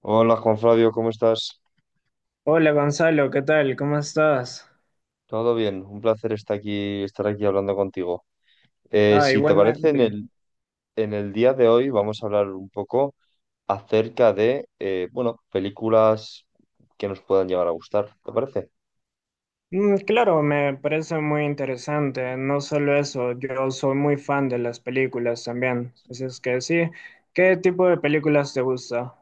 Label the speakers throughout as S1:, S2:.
S1: Hola Juan Flavio, ¿cómo estás?
S2: Hola Gonzalo, ¿qué tal? ¿Cómo estás?
S1: Todo bien, un placer estar aquí hablando contigo.
S2: Ah,
S1: Si te parece,
S2: igualmente.
S1: en el día de hoy vamos a hablar un poco acerca de, bueno, películas que nos puedan llegar a gustar, ¿te parece?
S2: Mm, claro, me parece muy interesante. No solo eso, yo soy muy fan de las películas también. Así es que sí, ¿qué tipo de películas te gusta?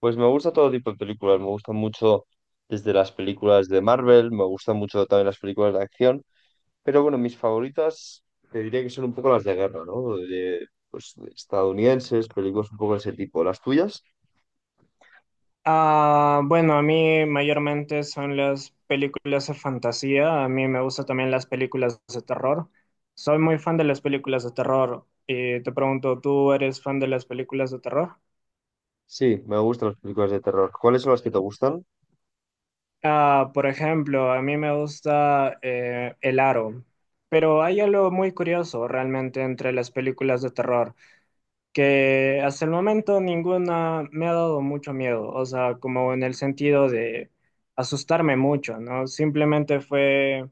S1: Pues me gusta todo tipo de películas, me gustan mucho desde las películas de Marvel, me gustan mucho también las películas de acción, pero bueno, mis favoritas te diría que son un poco las de guerra, ¿no? De, pues, de estadounidenses, películas un poco de ese tipo. ¿Las tuyas?
S2: Ah, bueno, a mí mayormente son las películas de fantasía. A mí me gustan también las películas de terror. Soy muy fan de las películas de terror. Y te pregunto, ¿tú eres fan de las películas de terror?
S1: Sí, me gustan las películas de terror. ¿Cuáles son las que te gustan?
S2: Ah, por ejemplo, a mí me gusta El Aro, pero hay algo muy curioso realmente entre las películas de terror, que hasta el momento ninguna me ha dado mucho miedo, o sea, como en el sentido de asustarme mucho, ¿no? Simplemente fue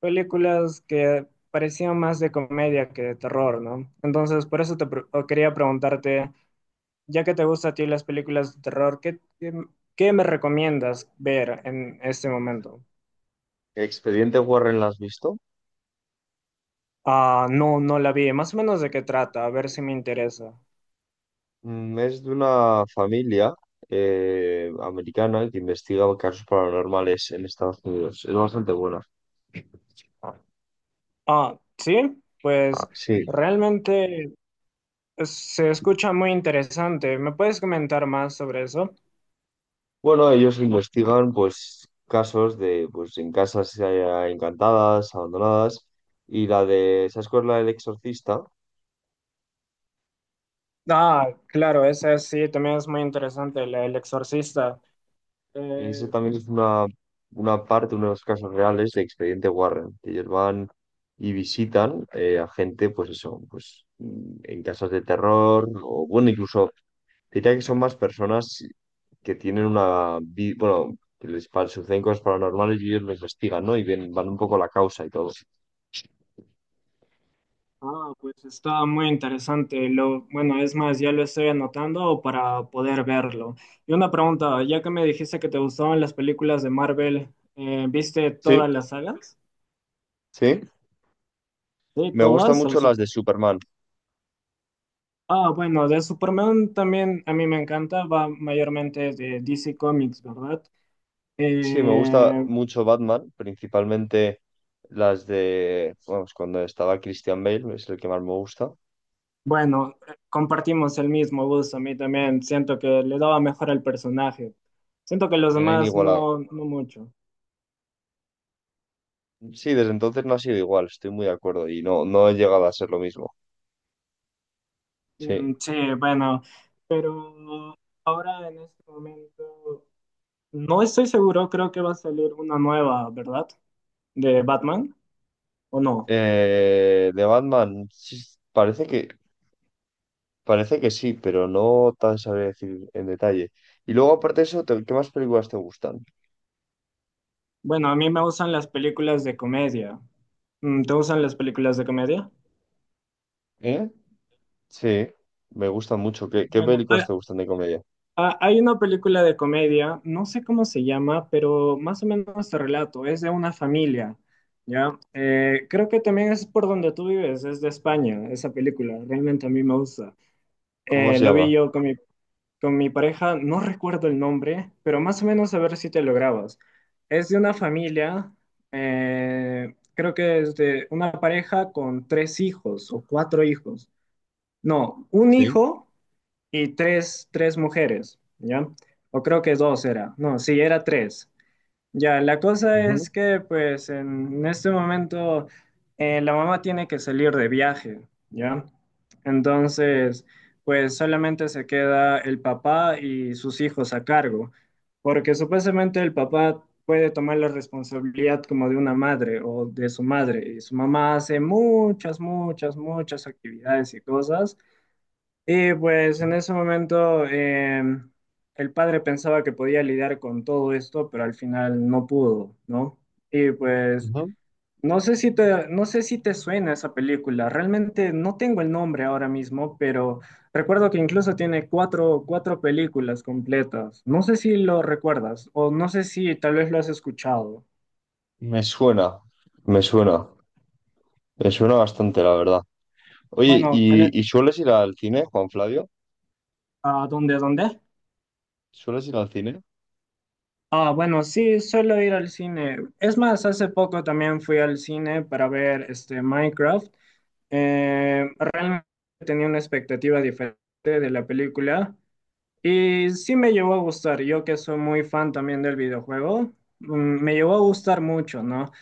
S2: películas que parecían más de comedia que de terror, ¿no? Entonces, por eso o quería preguntarte, ya que te gustan a ti las películas de terror, ¿ qué me recomiendas ver en este momento?
S1: Expediente Warren, ¿la has visto?
S2: Ah, no, no la vi. Más o menos de qué trata, a ver si me interesa.
S1: Mm, es de una familia americana que investiga casos paranormales en Estados Unidos. Es bastante buena.
S2: Ah, sí,
S1: Ajá.
S2: pues
S1: Sí.
S2: realmente se escucha muy interesante. ¿Me puedes comentar más sobre eso?
S1: Bueno, ellos investigan pues casos de pues en casas encantadas, abandonadas. Y la de, ¿sabes cuál es la del exorcista?
S2: Ah, claro, esa sí, también es muy interesante, El Exorcista.
S1: Ese
S2: Eh,
S1: también es una parte, uno de los casos reales de Expediente Warren, que ellos van y visitan a gente, pues eso, pues en casas de terror, o bueno, incluso diría que son más personas que tienen una, bueno, que les suceden cosas paranormales y ellos lo investigan, ¿no? Y ven, van un poco la causa y todo.
S2: ah, pues está muy interesante. Lo, bueno, es más, ya lo estoy anotando para poder verlo. Y una pregunta, ya que me dijiste que te gustaban las películas de Marvel, ¿viste
S1: Sí,
S2: todas las sagas?
S1: sí.
S2: Sí,
S1: Me gustan
S2: todas.
S1: mucho las de Superman.
S2: Ah, bueno, de Superman también a mí me encanta, va mayormente de DC Comics, ¿verdad?
S1: Sí, me gusta
S2: Eh,
S1: mucho Batman, principalmente las de, vamos, cuando estaba Christian Bale, es el que más me gusta.
S2: bueno, compartimos el mismo gusto, a mí también siento que le daba mejor al personaje. Siento que los
S1: Era
S2: demás
S1: inigualable.
S2: no, no mucho.
S1: Sí, desde entonces no ha sido igual, estoy muy de acuerdo y no, no he llegado a ser lo mismo. Sí.
S2: Mm, sí, bueno, pero ahora en este momento no estoy seguro, creo que va a salir una nueva, ¿verdad? De Batman, ¿o no?
S1: De Batman, sí, parece que, parece que sí, pero no tan sabré decir en detalle. Y luego, aparte de eso, ¿qué más películas te gustan?
S2: Bueno, a mí me gustan las películas de comedia. Mm, ¿te gustan las películas de comedia?
S1: ¿Eh? Sí, me gustan mucho. ¿ qué
S2: Bueno,
S1: películas te gustan de comedia?
S2: hay una película de comedia, no sé cómo se llama, pero más o menos te relato, es de una familia, ¿ya? Creo que también es por donde tú vives, es de España, esa película, realmente a mí me gusta.
S1: ¿Cómo se
S2: Lo vi
S1: llama?
S2: yo con con mi pareja, no recuerdo el nombre, pero más o menos a ver si te lo grabas. Es de una familia, creo que es de una pareja con tres hijos o cuatro hijos. No, un
S1: Sí.
S2: hijo y tres mujeres, ¿ya? O creo que dos era, no, sí, era tres. Ya, la cosa
S1: Ujú,
S2: es que pues en este momento la mamá tiene que salir de viaje, ¿ya? Entonces, pues solamente se queda el papá y sus hijos a cargo, porque supuestamente el papá puede tomar la responsabilidad como de una madre o de su madre, y su mamá hace muchas, muchas, muchas actividades y cosas y pues en
S1: sí,
S2: ese momento el padre pensaba que podía lidiar con todo esto, pero al final no pudo, ¿no? Y pues
S1: ujú.
S2: no sé si te, no sé si te suena esa película, realmente no tengo el nombre ahora mismo, pero recuerdo que incluso tiene cuatro películas completas. No sé si lo recuerdas o no sé si tal vez lo has escuchado.
S1: Me suena, me suena, me suena bastante, la verdad. Oye,
S2: Bueno,
S1: ¿ y sueles ir al cine, Juan Flavio?
S2: ¿a dónde, a dónde?
S1: ¿Sueles ir al cine?
S2: Ah, bueno, sí, suelo ir al cine. Es más, hace poco también fui al cine para ver este Minecraft. Realmente tenía una expectativa diferente de la película y sí me llevó a gustar. Yo que soy muy fan también del videojuego, mm, me llevó a gustar mucho, ¿no?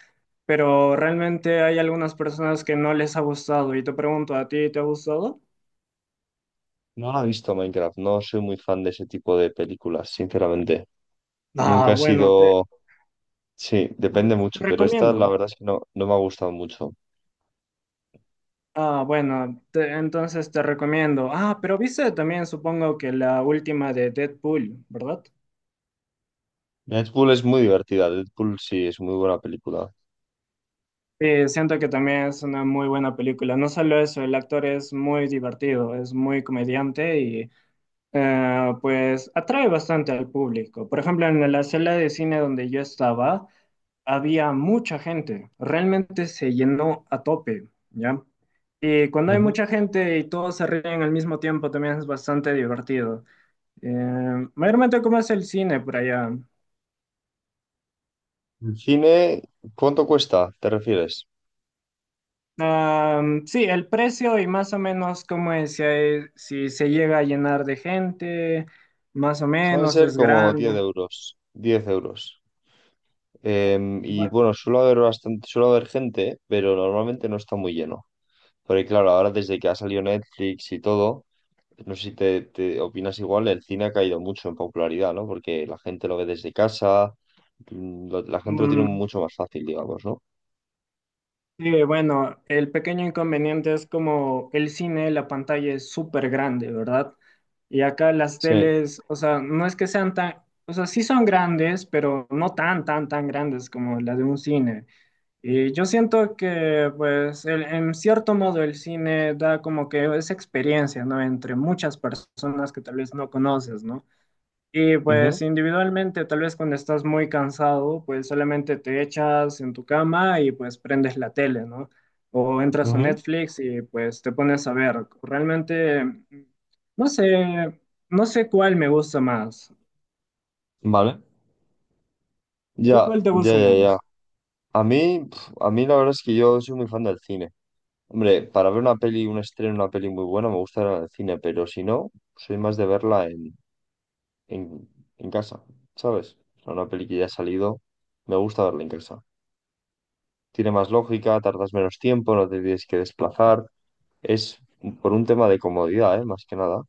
S2: Pero realmente hay algunas personas que no les ha gustado y te pregunto, ¿a ti te ha gustado?
S1: No la he visto Minecraft, no soy muy fan de ese tipo de películas, sinceramente.
S2: Ah,
S1: Nunca he
S2: bueno,
S1: sido... Sí, depende
S2: te
S1: mucho, pero esta
S2: recomiendo.
S1: la verdad es que no, no me ha gustado mucho.
S2: Ah, bueno, entonces te recomiendo. Ah, pero viste también, supongo que la última de Deadpool, ¿verdad?
S1: Deadpool es muy divertida, Deadpool sí es muy buena película.
S2: Sí, siento que también es una muy buena película. No solo eso, el actor es muy divertido, es muy comediante y pues atrae bastante al público. Por ejemplo, en la sala de cine donde yo estaba, había mucha gente. Realmente se llenó a tope, ¿ya? Y cuando hay
S1: Ujú.
S2: mucha gente y todos se ríen al mismo tiempo, también es bastante divertido. Mayormente, ¿cómo es el cine por allá?
S1: El cine, ¿cuánto cuesta? ¿Te refieres?
S2: Am, sí, el precio y más o menos cómo es, si se llega a llenar de gente, más o
S1: Suelen
S2: menos
S1: ser
S2: es
S1: como 10
S2: grande.
S1: euros, 10 euros.
S2: Bu-
S1: Y bueno, suele haber bastante, suele haber gente, pero normalmente no está muy lleno. Porque claro, ahora desde que ha salido Netflix y todo... No sé si te, te opinas igual, el cine ha caído mucho en popularidad, ¿no? Porque la gente lo ve desde casa, mm, la gente lo tiene
S2: mm,
S1: mucho más fácil, digamos, ¿no?
S2: sí, bueno, el pequeño inconveniente es como el cine, la pantalla es súper grande, ¿verdad? Y acá las
S1: Sí.
S2: teles, o sea, no es que sean tan, o sea, sí son grandes, pero no tan grandes como la de un cine. Y yo siento que, pues, en cierto modo el cine da como que esa experiencia, ¿no? Entre muchas personas que tal vez no conoces, ¿no? Y
S1: Ujú,
S2: pues individualmente, tal vez cuando estás muy cansado, pues solamente te echas en tu cama y pues prendes la tele, ¿no? O entras a
S1: ujú.
S2: Netflix y pues te pones a ver. Realmente, no sé, no sé cuál me gusta más.
S1: Vale.
S2: ¿A ti cuál te gusta
S1: Ya.
S2: más?
S1: A mí, pf, a mí la verdad es que yo soy muy fan del cine. Hombre, para ver una peli, un estreno, una peli muy buena, me gusta ir al cine, pero si no, soy más de verla en, en casa, ¿sabes? O sea, una peli que ya ha salido, me gusta verla en casa. Tiene más lógica, tardas menos tiempo, no te tienes que desplazar. Es por un tema de comodidad, ¿eh? Más que nada.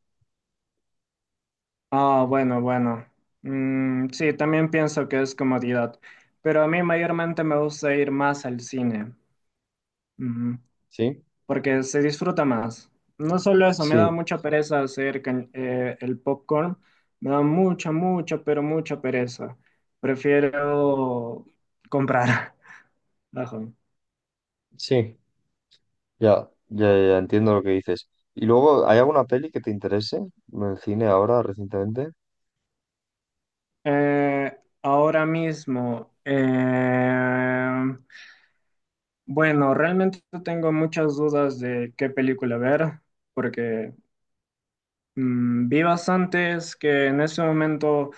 S2: Ah, bueno, bueno. Mm, sí, también pienso que es comodidad, pero a mí mayormente me gusta ir más al cine, ujú,
S1: Sí,
S2: porque se disfruta más. No solo eso, me da
S1: sí,
S2: mucha pereza hacer el popcorn, me da pero mucha pereza. Prefiero comprar. Ajá.
S1: sí. Ya entiendo lo que dices. ¿Y luego hay alguna peli que te interese en el cine ahora recientemente?
S2: Eh, ahora mismo, bueno, realmente tengo muchas dudas de qué película ver, porque mm, vi bastantes que en ese momento,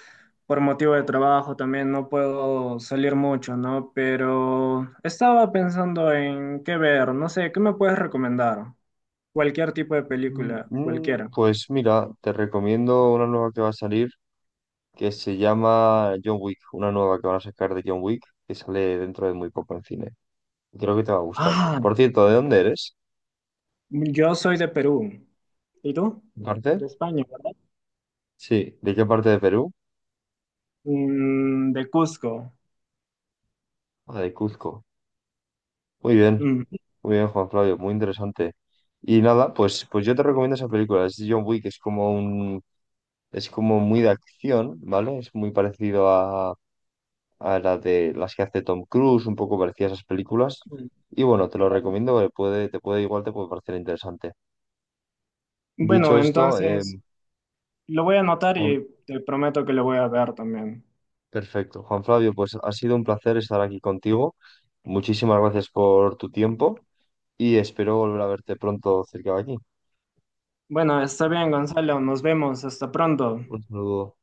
S2: por motivo de trabajo, también no puedo salir mucho, ¿no? Pero estaba pensando en qué ver, no sé, ¿qué me puedes recomendar? Cualquier tipo de película, cualquiera.
S1: Pues mira, te recomiendo una nueva que va a salir que se llama John Wick, una nueva que van a sacar de John Wick que sale dentro de muy poco en cine. Creo que te va a gustar.
S2: Ah,
S1: Por cierto, ¿de dónde eres?
S2: yo soy de Perú. ¿Y tú?
S1: ¿De
S2: De
S1: ¿parte?
S2: España, ¿verdad?
S1: Sí, ¿de qué parte de Perú?
S2: Mm, de Cusco.
S1: Ah, de Cuzco. Muy bien,
S2: Mm,
S1: muy bien, Juan Flavio, muy interesante. Y nada, pues, pues yo te recomiendo esa película, es John Wick, es como un, es como muy de acción, ¿vale? Es muy parecido a la de las que hace Tom Cruise, un poco parecida a esas películas. Y bueno, te lo
S2: claro.
S1: recomiendo, porque puede, te puede igual te puede parecer interesante. Dicho
S2: Bueno,
S1: esto,
S2: entonces lo voy a anotar
S1: Juan-
S2: y te prometo que lo voy a ver también.
S1: perfecto. Juan Flavio, pues ha sido un placer estar aquí contigo. Muchísimas gracias por tu tiempo y espero volver a verte pronto cerca de aquí.
S2: Bueno, está bien, Gonzalo. Nos vemos. Hasta pronto.
S1: Un saludo.